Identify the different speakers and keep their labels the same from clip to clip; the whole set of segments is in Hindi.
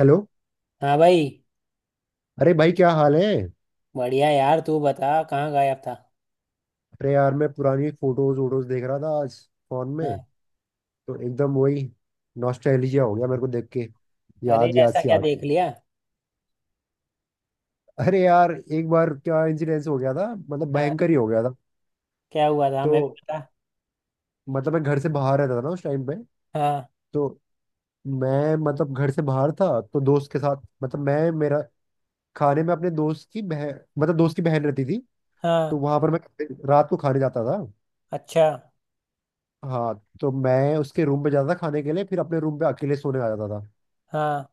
Speaker 1: हेलो।
Speaker 2: हाँ भाई।
Speaker 1: अरे भाई, क्या हाल है?
Speaker 2: बढ़िया यार, तू बता कहाँ गायब था?
Speaker 1: अरे यार, मैं पुरानी फोटोज वोटोज देख रहा था आज, फोन में।
Speaker 2: हाँ।
Speaker 1: तो एकदम वही नॉस्टैल्जिया हो गया मेरे को देख के।
Speaker 2: अरे
Speaker 1: याद याद
Speaker 2: ऐसा
Speaker 1: सी
Speaker 2: क्या
Speaker 1: आ
Speaker 2: देख
Speaker 1: गई।
Speaker 2: लिया?
Speaker 1: अरे यार, एक बार क्या इंसिडेंस हो गया था, मतलब
Speaker 2: हाँ।
Speaker 1: भयंकर ही हो गया था।
Speaker 2: क्या हुआ था हमें भी
Speaker 1: तो
Speaker 2: बता?
Speaker 1: मतलब मैं घर से बाहर रहता था ना उस टाइम पे।
Speaker 2: हाँ।
Speaker 1: तो मैं मतलब घर से बाहर था तो दोस्त के साथ, मतलब मैं मेरा खाने में अपने दोस्त की बहन, मतलब दोस्त की बहन रहती थी। तो
Speaker 2: हाँ।
Speaker 1: वहां पर मैं रात को खाने जाता था।
Speaker 2: अच्छा।
Speaker 1: हाँ। तो मैं उसके रूम पे जाता था खाने के लिए, फिर अपने रूम पे अकेले सोने आ जाता था।
Speaker 2: हाँ।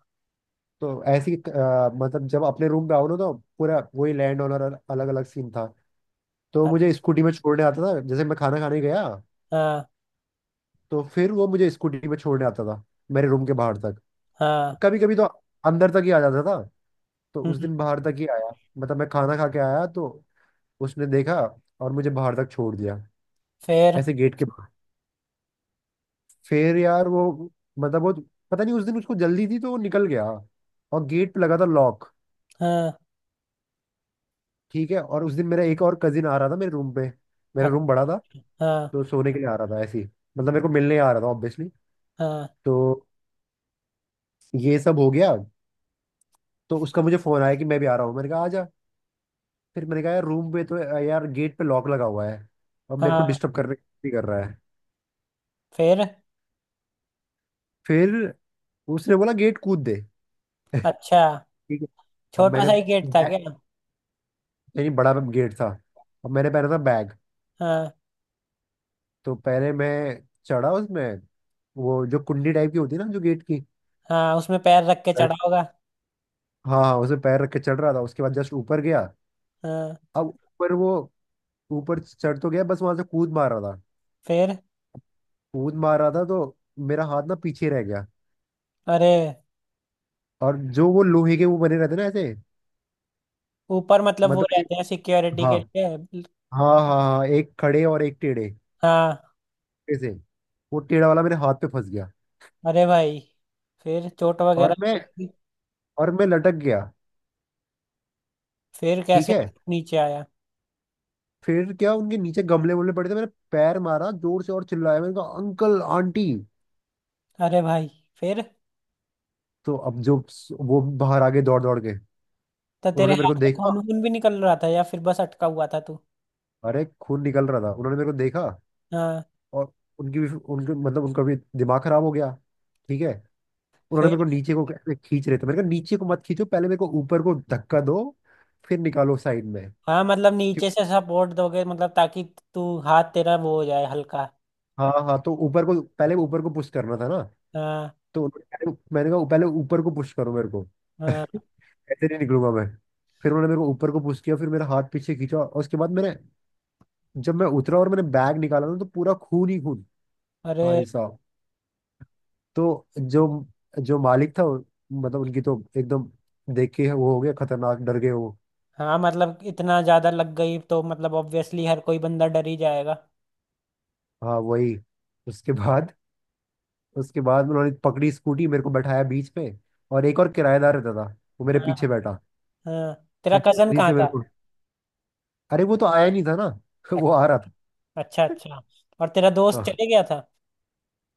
Speaker 1: तो ऐसी मतलब जब अपने रूम पे आओ ना तो पूरा वही लैंड ऑनर, अलग अलग सीन था। तो
Speaker 2: अ-
Speaker 1: मुझे स्कूटी में छोड़ने आता था, जैसे मैं खाना खाने गया
Speaker 2: हाँ।
Speaker 1: तो फिर वो मुझे स्कूटी में छोड़ने आता था मेरे रूम के बाहर तक।
Speaker 2: हाँ।
Speaker 1: कभी कभी तो अंदर तक ही आ जाता था। तो उस
Speaker 2: हम्म।
Speaker 1: दिन बाहर तक ही आया। मतलब मैं खाना खा के आया तो उसने देखा और मुझे बाहर तक छोड़ दिया,
Speaker 2: फिर?
Speaker 1: ऐसे गेट के। फिर यार वो, मतलब वो, पता नहीं उस दिन उसको जल्दी थी तो वो निकल गया, और गेट पे लगा था लॉक।
Speaker 2: हाँ।
Speaker 1: ठीक है। और उस दिन मेरा एक और कजिन आ रहा था मेरे रूम पे। मेरा
Speaker 2: अ-
Speaker 1: रूम बड़ा था।
Speaker 2: हाँ।
Speaker 1: तो सोने के लिए आ रहा था ऐसे ही, मतलब मेरे को मिलने आ रहा था ऑब्वियसली।
Speaker 2: हाँ।
Speaker 1: तो ये सब हो गया। तो उसका मुझे फोन आया कि मैं भी आ रहा हूँ, मैंने कहा आ जा। फिर मैंने कहा यार रूम पे तो, यार, गेट पे लॉक लगा हुआ है, और मेरे को
Speaker 2: हाँ।
Speaker 1: डिस्टर्ब करने भी कर रहा है।
Speaker 2: फिर?
Speaker 1: फिर उसने बोला गेट कूद दे।
Speaker 2: अच्छा।
Speaker 1: ठीक है। अब
Speaker 2: छोटा
Speaker 1: मैंने
Speaker 2: सा ही गेट था
Speaker 1: बैग-
Speaker 2: क्या?
Speaker 1: नहीं, बड़ा गेट था। अब मैंने पहना था बैग।
Speaker 2: हाँ
Speaker 1: तो पहले मैं चढ़ा उसमें, वो जो कुंडी टाइप की होती है ना जो गेट की।
Speaker 2: हाँ, उसमें पैर रख के चढ़ा
Speaker 1: पैर-
Speaker 2: होगा।
Speaker 1: हाँ हाँ, उसमें पैर रख के चढ़ रहा था, उसके बाद जस्ट ऊपर गया।
Speaker 2: हाँ।
Speaker 1: अब ऊपर वो ऊपर चढ़ तो गया, बस वहां से कूद मार रहा था
Speaker 2: फिर?
Speaker 1: कूद मार रहा था तो मेरा हाथ ना पीछे रह गया।
Speaker 2: अरे।
Speaker 1: और जो वो लोहे के वो बने रहते ना ऐसे,
Speaker 2: ऊपर मतलब वो
Speaker 1: मतलब एक,
Speaker 2: रहते हैं सिक्योरिटी के
Speaker 1: हाँ
Speaker 2: लिए।
Speaker 1: हाँ हाँ हाँ, एक खड़े और एक टेढ़े,
Speaker 2: हाँ।
Speaker 1: ऐसे। वो टेढ़ा वाला मेरे हाथ पे फंस गया।
Speaker 2: अरे भाई। फिर चोट वगैरह
Speaker 1: और मैं
Speaker 2: लगी?
Speaker 1: और मैं लटक गया।
Speaker 2: फिर
Speaker 1: ठीक
Speaker 2: कैसे
Speaker 1: है।
Speaker 2: नीचे आया?
Speaker 1: फिर क्या, उनके नीचे गमले वमले पड़े थे, मैंने पैर मारा जोर से और चिल्लाया, मैंने कहा अंकल आंटी।
Speaker 2: अरे भाई। फिर
Speaker 1: तो अब जो, वो बाहर आ गए दौड़ दौड़ के।
Speaker 2: तो तेरे
Speaker 1: उन्होंने मेरे
Speaker 2: हाथ
Speaker 1: को
Speaker 2: में
Speaker 1: देखा,
Speaker 2: खून वून भी निकल रहा था या फिर बस अटका हुआ था तू?
Speaker 1: अरे खून निकल रहा था। उन्होंने मेरे को देखा
Speaker 2: हाँ।
Speaker 1: और उनकी भी, उनके मतलब उनका भी दिमाग खराब हो गया। ठीक है। उन्होंने
Speaker 2: फिर?
Speaker 1: मेरे को नीचे को ऐसे खींच रहे थे, मैंने कहा नीचे को मत खींचो, पहले मेरे को ऊपर को धक्का दो, फिर निकालो साइड में।
Speaker 2: हाँ, मतलब नीचे से
Speaker 1: क्यों-
Speaker 2: सपोर्ट दोगे मतलब ताकि तू हाथ तेरा वो हो जाए हल्का।
Speaker 1: हाँ हाँ, तो ऊपर को पहले, ऊपर को पुश करना था ना।
Speaker 2: हाँ
Speaker 1: मैंने कहा पहले ऊपर को पुश करो मेरे को।
Speaker 2: हाँ।
Speaker 1: ऐसे नहीं निकलूंगा मैं। फिर उन्होंने मेरे को ऊपर को पुश किया, फिर मेरा हाथ पीछे खींचा, और उसके बाद मैंने, जब मैं उतरा और मैंने बैग निकाला ना तो पूरा खून ही खून,
Speaker 2: अरे।
Speaker 1: भाई साहब। तो जो जो मालिक था, मतलब उनकी तो एकदम देख के वो हो गया खतरनाक, डर गए वो।
Speaker 2: हाँ, मतलब इतना ज्यादा लग गई तो मतलब ऑब्वियसली हर कोई बंदा डर ही जाएगा।
Speaker 1: हाँ, वही। उसके बाद उसके बाद उन्होंने पकड़ी स्कूटी, मेरे को बैठाया बीच पे। और एक और किराएदार रहता था, वो मेरे
Speaker 2: हाँ
Speaker 1: पीछे बैठा।
Speaker 2: हाँ। तेरा
Speaker 1: फिर
Speaker 2: कजन
Speaker 1: तेजी
Speaker 2: कहाँ
Speaker 1: से
Speaker 2: था?
Speaker 1: मेरे को, अरे वो तो आया नहीं था ना।
Speaker 2: अ-
Speaker 1: वो आ रहा था।
Speaker 2: अच्छा अच्छा। और तेरा दोस्त
Speaker 1: हाँ।
Speaker 2: चले गया था?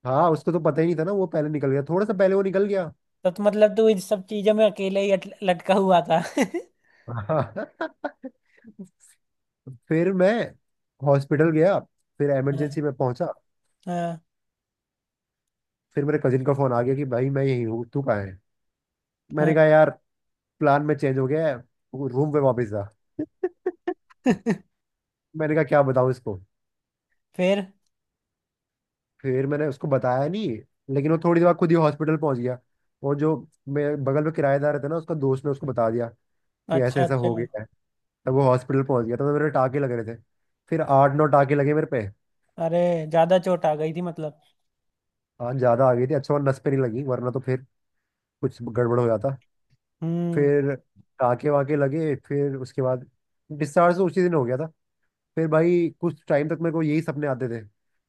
Speaker 1: हाँ, उसको तो पता ही नहीं था ना, वो पहले निकल गया, थोड़ा सा पहले वो निकल गया।
Speaker 2: तो मतलब तू इन सब चीजों में अकेले ही लटका हुआ था।
Speaker 1: हाँ। फिर मैं हॉस्पिटल गया, फिर
Speaker 2: हाँ
Speaker 1: इमरजेंसी में पहुंचा।
Speaker 2: हाँ
Speaker 1: फिर मेरे कजिन का फोन आ गया कि भाई मैं यहीं हूँ, तू कहाँ है।
Speaker 2: हाँ।
Speaker 1: मैंने कहा यार, प्लान में चेंज हो गया है, रूम पे वापस जा। मैंने कहा क्या बताऊँ इसको।
Speaker 2: फिर?
Speaker 1: फिर मैंने उसको बताया नहीं, लेकिन वो थोड़ी देर बाद खुद ही हॉस्पिटल पहुंच गया। और जो मेरे बगल में किराएदार था ना, उसका दोस्त ने उसको बता दिया कि ऐसा
Speaker 2: अच्छा
Speaker 1: ऐसा
Speaker 2: अच्छा।
Speaker 1: हो गया है। तब वो हॉस्पिटल पहुंच गया, तब तो मेरे टाके लग रहे थे। फिर 8 9 टाके लगे मेरे पे।
Speaker 2: अरे, ज्यादा चोट आ गई थी मतलब?
Speaker 1: आज ज्यादा आ गई थी, अच्छा हुआ नस पे नहीं लगी, वरना तो फिर कुछ गड़बड़ हो जाता।
Speaker 2: हम्म।
Speaker 1: फिर टाँके वाके लगे, फिर उसके बाद डिस्चार्ज तो उसी दिन हो गया था। फिर भाई कुछ टाइम तक मेरे को यही सपने आते थे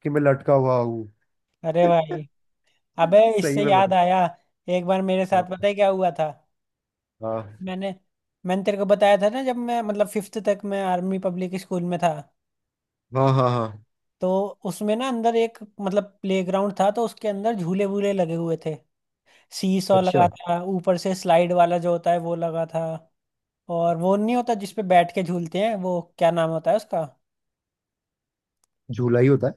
Speaker 1: कि मैं लटका हुआ हूँ।
Speaker 2: अरे भाई। अबे,
Speaker 1: सही
Speaker 2: इससे
Speaker 1: में,
Speaker 2: याद
Speaker 1: मतलब।
Speaker 2: आया। एक बार मेरे साथ
Speaker 1: हाँ।
Speaker 2: पता है क्या हुआ था।
Speaker 1: हाँ।
Speaker 2: मैंने मैंने तेरे को बताया था ना, जब मैं मतलब फिफ्थ तक मैं आर्मी पब्लिक स्कूल में था।
Speaker 1: हाँ हाँ हाँ।
Speaker 2: तो उसमें ना अंदर एक मतलब प्ले ग्राउंड था, तो उसके अंदर झूले वूले लगे हुए थे। सीसॉ लगा
Speaker 1: अच्छा।
Speaker 2: था, ऊपर से स्लाइड वाला जो होता है वो लगा था। और वो नहीं होता जिसपे बैठ के झूलते हैं, वो क्या नाम होता है उसका?
Speaker 1: झूला ही होता है।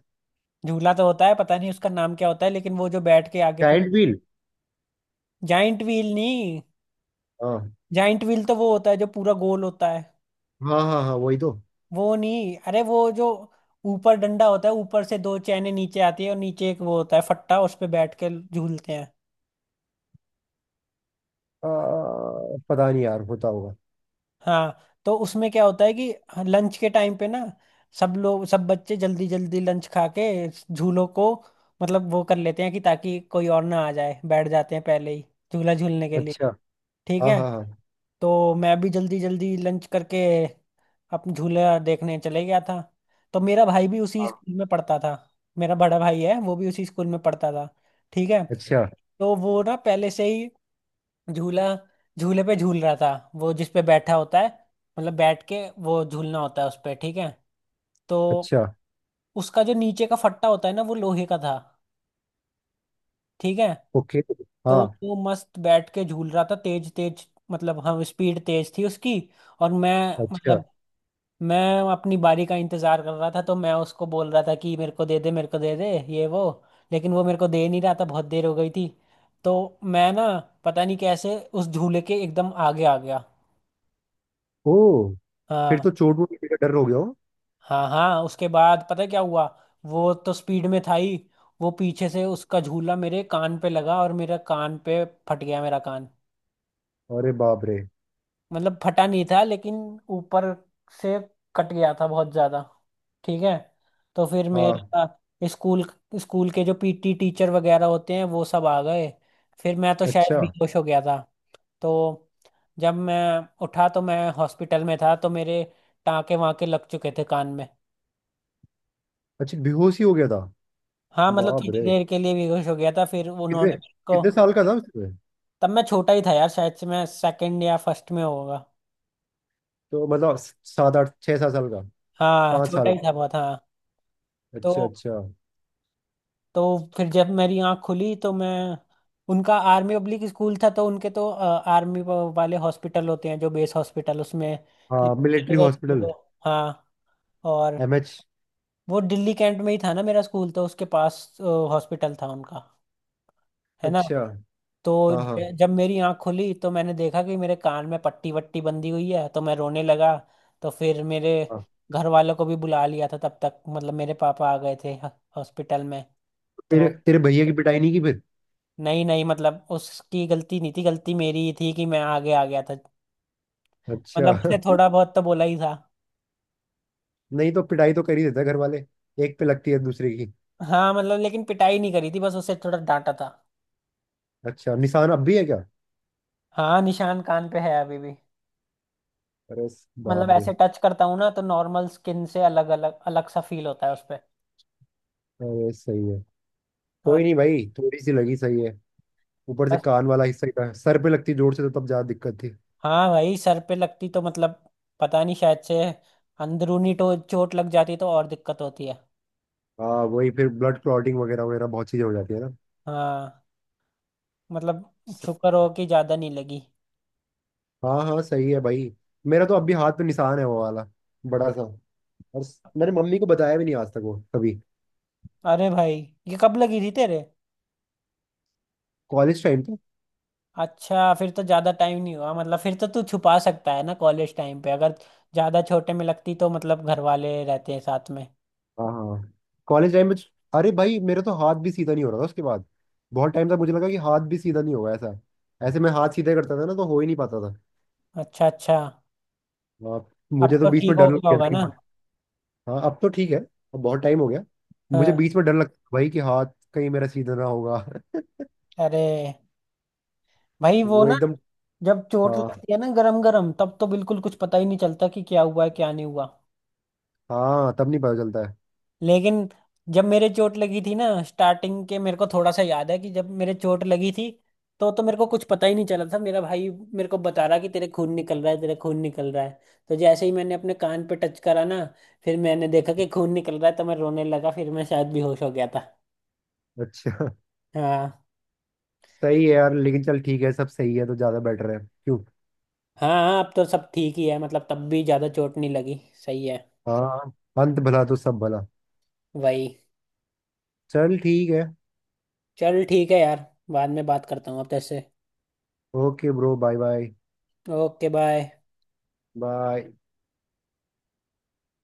Speaker 2: झूला तो होता है, पता नहीं उसका नाम क्या होता है, लेकिन वो जो बैठ के आगे।
Speaker 1: Giant wheel.
Speaker 2: जाइंट व्हील नहीं?
Speaker 1: हाँ
Speaker 2: जाइंट व्हील तो वो होता है जो पूरा गोल होता है।
Speaker 1: हाँ हाँ हाँ, वही तो।
Speaker 2: वो नहीं, अरे वो जो ऊपर डंडा होता है, ऊपर से दो चैने नीचे आती है, और नीचे एक वो होता है फट्टा, उस पे बैठ के झूलते हैं।
Speaker 1: आ, पता नहीं यार, होता होगा।
Speaker 2: हाँ। तो उसमें क्या होता है कि लंच के टाइम पे ना, सब लोग सब बच्चे जल्दी जल्दी लंच खा के झूलों को मतलब वो कर लेते हैं कि ताकि कोई और ना आ जाए, बैठ जाते हैं पहले ही, झूला झूलने के लिए।
Speaker 1: अच्छा।
Speaker 2: ठीक
Speaker 1: हाँ
Speaker 2: है।
Speaker 1: हाँ हाँ।
Speaker 2: तो मैं भी जल्दी जल्दी लंच करके अपने झूला देखने चले गया था। तो मेरा भाई भी उसी
Speaker 1: हाँ।
Speaker 2: स्कूल में पढ़ता था। मेरा बड़ा भाई है, वो भी उसी स्कूल में पढ़ता था। ठीक है।
Speaker 1: अच्छा।
Speaker 2: तो वो ना पहले से ही झूला झूले पे झूल रहा था। वो जिस पे बैठा होता है, मतलब बैठ के वो झूलना होता है उस पे। ठीक है। तो
Speaker 1: अच्छा।
Speaker 2: उसका जो नीचे का फट्टा होता है ना, वो लोहे का था। ठीक है।
Speaker 1: ओके।
Speaker 2: तो
Speaker 1: हाँ।
Speaker 2: वो मस्त बैठ के झूल रहा था तेज तेज, मतलब हम स्पीड तेज थी उसकी। और मैं,
Speaker 1: अच्छा।
Speaker 2: मतलब मैं अपनी बारी का इंतजार कर रहा था, तो मैं उसको बोल रहा था कि मेरे को दे दे मेरे को दे दे ये वो, लेकिन वो मेरे को दे नहीं रहा था, बहुत देर हो गई थी। तो मैं ना पता नहीं कैसे उस झूले के एकदम आगे आ गया।
Speaker 1: ओ। फिर
Speaker 2: हाँ
Speaker 1: तो चोट वोट का डर हो गया हो।
Speaker 2: हाँ हाँ, उसके बाद पता है क्या हुआ? वो तो स्पीड में था ही। वो पीछे से उसका झूला मेरे कान पे लगा और मेरा कान पे फट गया मेरा कान।
Speaker 1: अरे बाप रे।
Speaker 2: मतलब फटा नहीं था लेकिन ऊपर से कट गया था बहुत ज्यादा। ठीक है। तो फिर
Speaker 1: हाँ।
Speaker 2: मेरा स्कूल स्कूल के जो पीटी टीचर वगैरह होते हैं वो सब आ गए। फिर मैं तो शायद
Speaker 1: अच्छा
Speaker 2: बेहोश हो गया था। तो जब मैं उठा तो मैं हॉस्पिटल में था, तो मेरे टाँके वाँके लग चुके थे कान में।
Speaker 1: अच्छा, बेहोश ही हो गया था।
Speaker 2: हाँ मतलब
Speaker 1: बाप रे।
Speaker 2: थोड़ी देर के लिए बेहोश हो गया था, फिर
Speaker 1: कितने
Speaker 2: उन्होंने मेरे को।
Speaker 1: कितने साल का था उसमें?
Speaker 2: तब मैं छोटा ही था यार, शायद से मैं सेकंड या फर्स्ट में होगा।
Speaker 1: तो मतलब सात आठ, छः सात साल का।
Speaker 2: हाँ
Speaker 1: पाँच
Speaker 2: छोटा
Speaker 1: साल
Speaker 2: ही था बहुत, हाँ।
Speaker 1: का।
Speaker 2: तो
Speaker 1: अच्छा अच्छा।
Speaker 2: तो फिर जब मेरी आंख खुली तो मैं उनका आर्मी पब्लिक स्कूल था तो उनके तो आर्मी वाले हॉस्पिटल होते हैं, जो बेस हॉस्पिटल, उसमें
Speaker 1: हाँ,
Speaker 2: लेके चले
Speaker 1: मिलिट्री
Speaker 2: गए थे
Speaker 1: हॉस्पिटल।
Speaker 2: वो। हाँ। और
Speaker 1: एमएच।
Speaker 2: वो दिल्ली कैंट में ही था ना मेरा स्कूल, तो उसके पास हॉस्पिटल था उनका, है ना?
Speaker 1: अच्छा।
Speaker 2: तो
Speaker 1: हाँ हाँ
Speaker 2: जब मेरी आंख खुली तो मैंने देखा कि मेरे कान में पट्टी वट्टी बंधी हुई है, तो मैं रोने लगा। तो फिर मेरे
Speaker 1: हाँ।
Speaker 2: घर वालों को भी बुला लिया था तब तक, मतलब मेरे पापा आ गए थे हॉस्पिटल में।
Speaker 1: तेरे
Speaker 2: तो।
Speaker 1: तेरे भैया की पिटाई नहीं की फिर?
Speaker 2: नहीं नहीं, मतलब उसकी गलती नहीं थी, गलती मेरी ही थी कि मैं आगे आ गया था।
Speaker 1: अच्छा।
Speaker 2: मतलब उसने थोड़ा बहुत तो बोला ही था।
Speaker 1: नहीं तो पिटाई तो कर ही देता है घर वाले, एक पे लगती है दूसरे की।
Speaker 2: हाँ, मतलब लेकिन पिटाई नहीं करी थी, बस उसे थोड़ा डांटा था।
Speaker 1: अच्छा, निशान अब भी है क्या?
Speaker 2: हाँ, निशान कान पे है अभी भी।
Speaker 1: अरे
Speaker 2: मतलब
Speaker 1: बाप रे।
Speaker 2: ऐसे टच करता हूँ ना, तो नॉर्मल स्किन से अलग अलग अलग सा फील होता है उस पे।
Speaker 1: अरे सही है।
Speaker 2: हाँ।
Speaker 1: कोई नहीं भाई, थोड़ी सी लगी, सही है। ऊपर से
Speaker 2: बस।
Speaker 1: कान वाला हिस्सा ही था, सर पे लगती जोर से तो तब ज्यादा दिक्कत थी।
Speaker 2: हाँ भाई, सर पे लगती तो मतलब पता नहीं, शायद से अंदरूनी तो चोट लग जाती तो और दिक्कत होती है।
Speaker 1: हाँ वही, फिर ब्लड क्लॉटिंग वगैरह वगैरह, बहुत चीजें हो जाती है ना।
Speaker 2: हाँ मतलब
Speaker 1: स-
Speaker 2: शुक्र हो कि ज्यादा नहीं लगी।
Speaker 1: हाँ हाँ, सही है भाई। मेरा तो अभी हाथ पे निशान है वो वाला, बड़ा सा। और मैंने मम्मी को बताया भी नहीं आज तक वो कभी।
Speaker 2: अरे भाई। ये कब लगी थी तेरे?
Speaker 1: कॉलेज टाइम पे।
Speaker 2: अच्छा, फिर तो ज्यादा टाइम नहीं हुआ, मतलब फिर तो तू छुपा सकता है ना कॉलेज टाइम पे, अगर ज्यादा छोटे में लगती तो मतलब घर वाले रहते हैं साथ में।
Speaker 1: हाँ हाँ। कॉलेज टाइम में, अरे भाई मेरा तो हाथ भी सीधा नहीं हो रहा था उसके बाद। बहुत टाइम तक मुझे लगा कि हाथ भी सीधा नहीं होगा। ऐसा, ऐसे मैं हाथ सीधे करता था ना तो हो ही नहीं पाता था।
Speaker 2: अच्छा अच्छा।
Speaker 1: हाँ,
Speaker 2: अब
Speaker 1: मुझे तो
Speaker 2: तो
Speaker 1: बीच में
Speaker 2: ठीक
Speaker 1: डर
Speaker 2: हो
Speaker 1: लग
Speaker 2: गया
Speaker 1: गया
Speaker 2: होगा
Speaker 1: था कि।
Speaker 2: ना?
Speaker 1: हाँ, अब तो ठीक है, अब बहुत टाइम हो गया। मुझे
Speaker 2: हाँ।
Speaker 1: बीच में डर लगता था भाई कि हाथ कहीं मेरा सीधा ना होगा।
Speaker 2: अरे भाई, वो
Speaker 1: वो
Speaker 2: ना
Speaker 1: एकदम।
Speaker 2: जब चोट
Speaker 1: हाँ
Speaker 2: लगती है ना गरम गरम तब तो बिल्कुल कुछ पता ही नहीं चलता कि क्या हुआ है क्या नहीं हुआ।
Speaker 1: हाँ, तब नहीं पता चलता है।
Speaker 2: लेकिन जब मेरे चोट लगी थी ना स्टार्टिंग के, मेरे को थोड़ा सा याद है कि जब मेरे चोट लगी थी तो मेरे को कुछ पता ही नहीं चला था, मेरा भाई मेरे को बता रहा कि तेरे खून निकल रहा है तेरे खून निकल रहा है। तो जैसे ही मैंने अपने कान पे टच करा ना, फिर मैंने देखा कि खून निकल रहा है तो मैं रोने लगा, फिर मैं शायद बेहोश हो गया था।
Speaker 1: अच्छा।
Speaker 2: हाँ
Speaker 1: सही है यार, लेकिन चल ठीक है, सब सही है तो ज्यादा बेटर है। क्यों।
Speaker 2: हाँ हाँ, अब तो सब ठीक ही है मतलब, तब भी ज़्यादा चोट नहीं लगी। सही है।
Speaker 1: हाँ, अंत भला तो सब भला।
Speaker 2: वही।
Speaker 1: चल ठीक है।
Speaker 2: चल ठीक है यार, बाद में बात करता हूँ अब तेरे से।
Speaker 1: Okay bro, bye bye.
Speaker 2: Okay bye.
Speaker 1: Bye.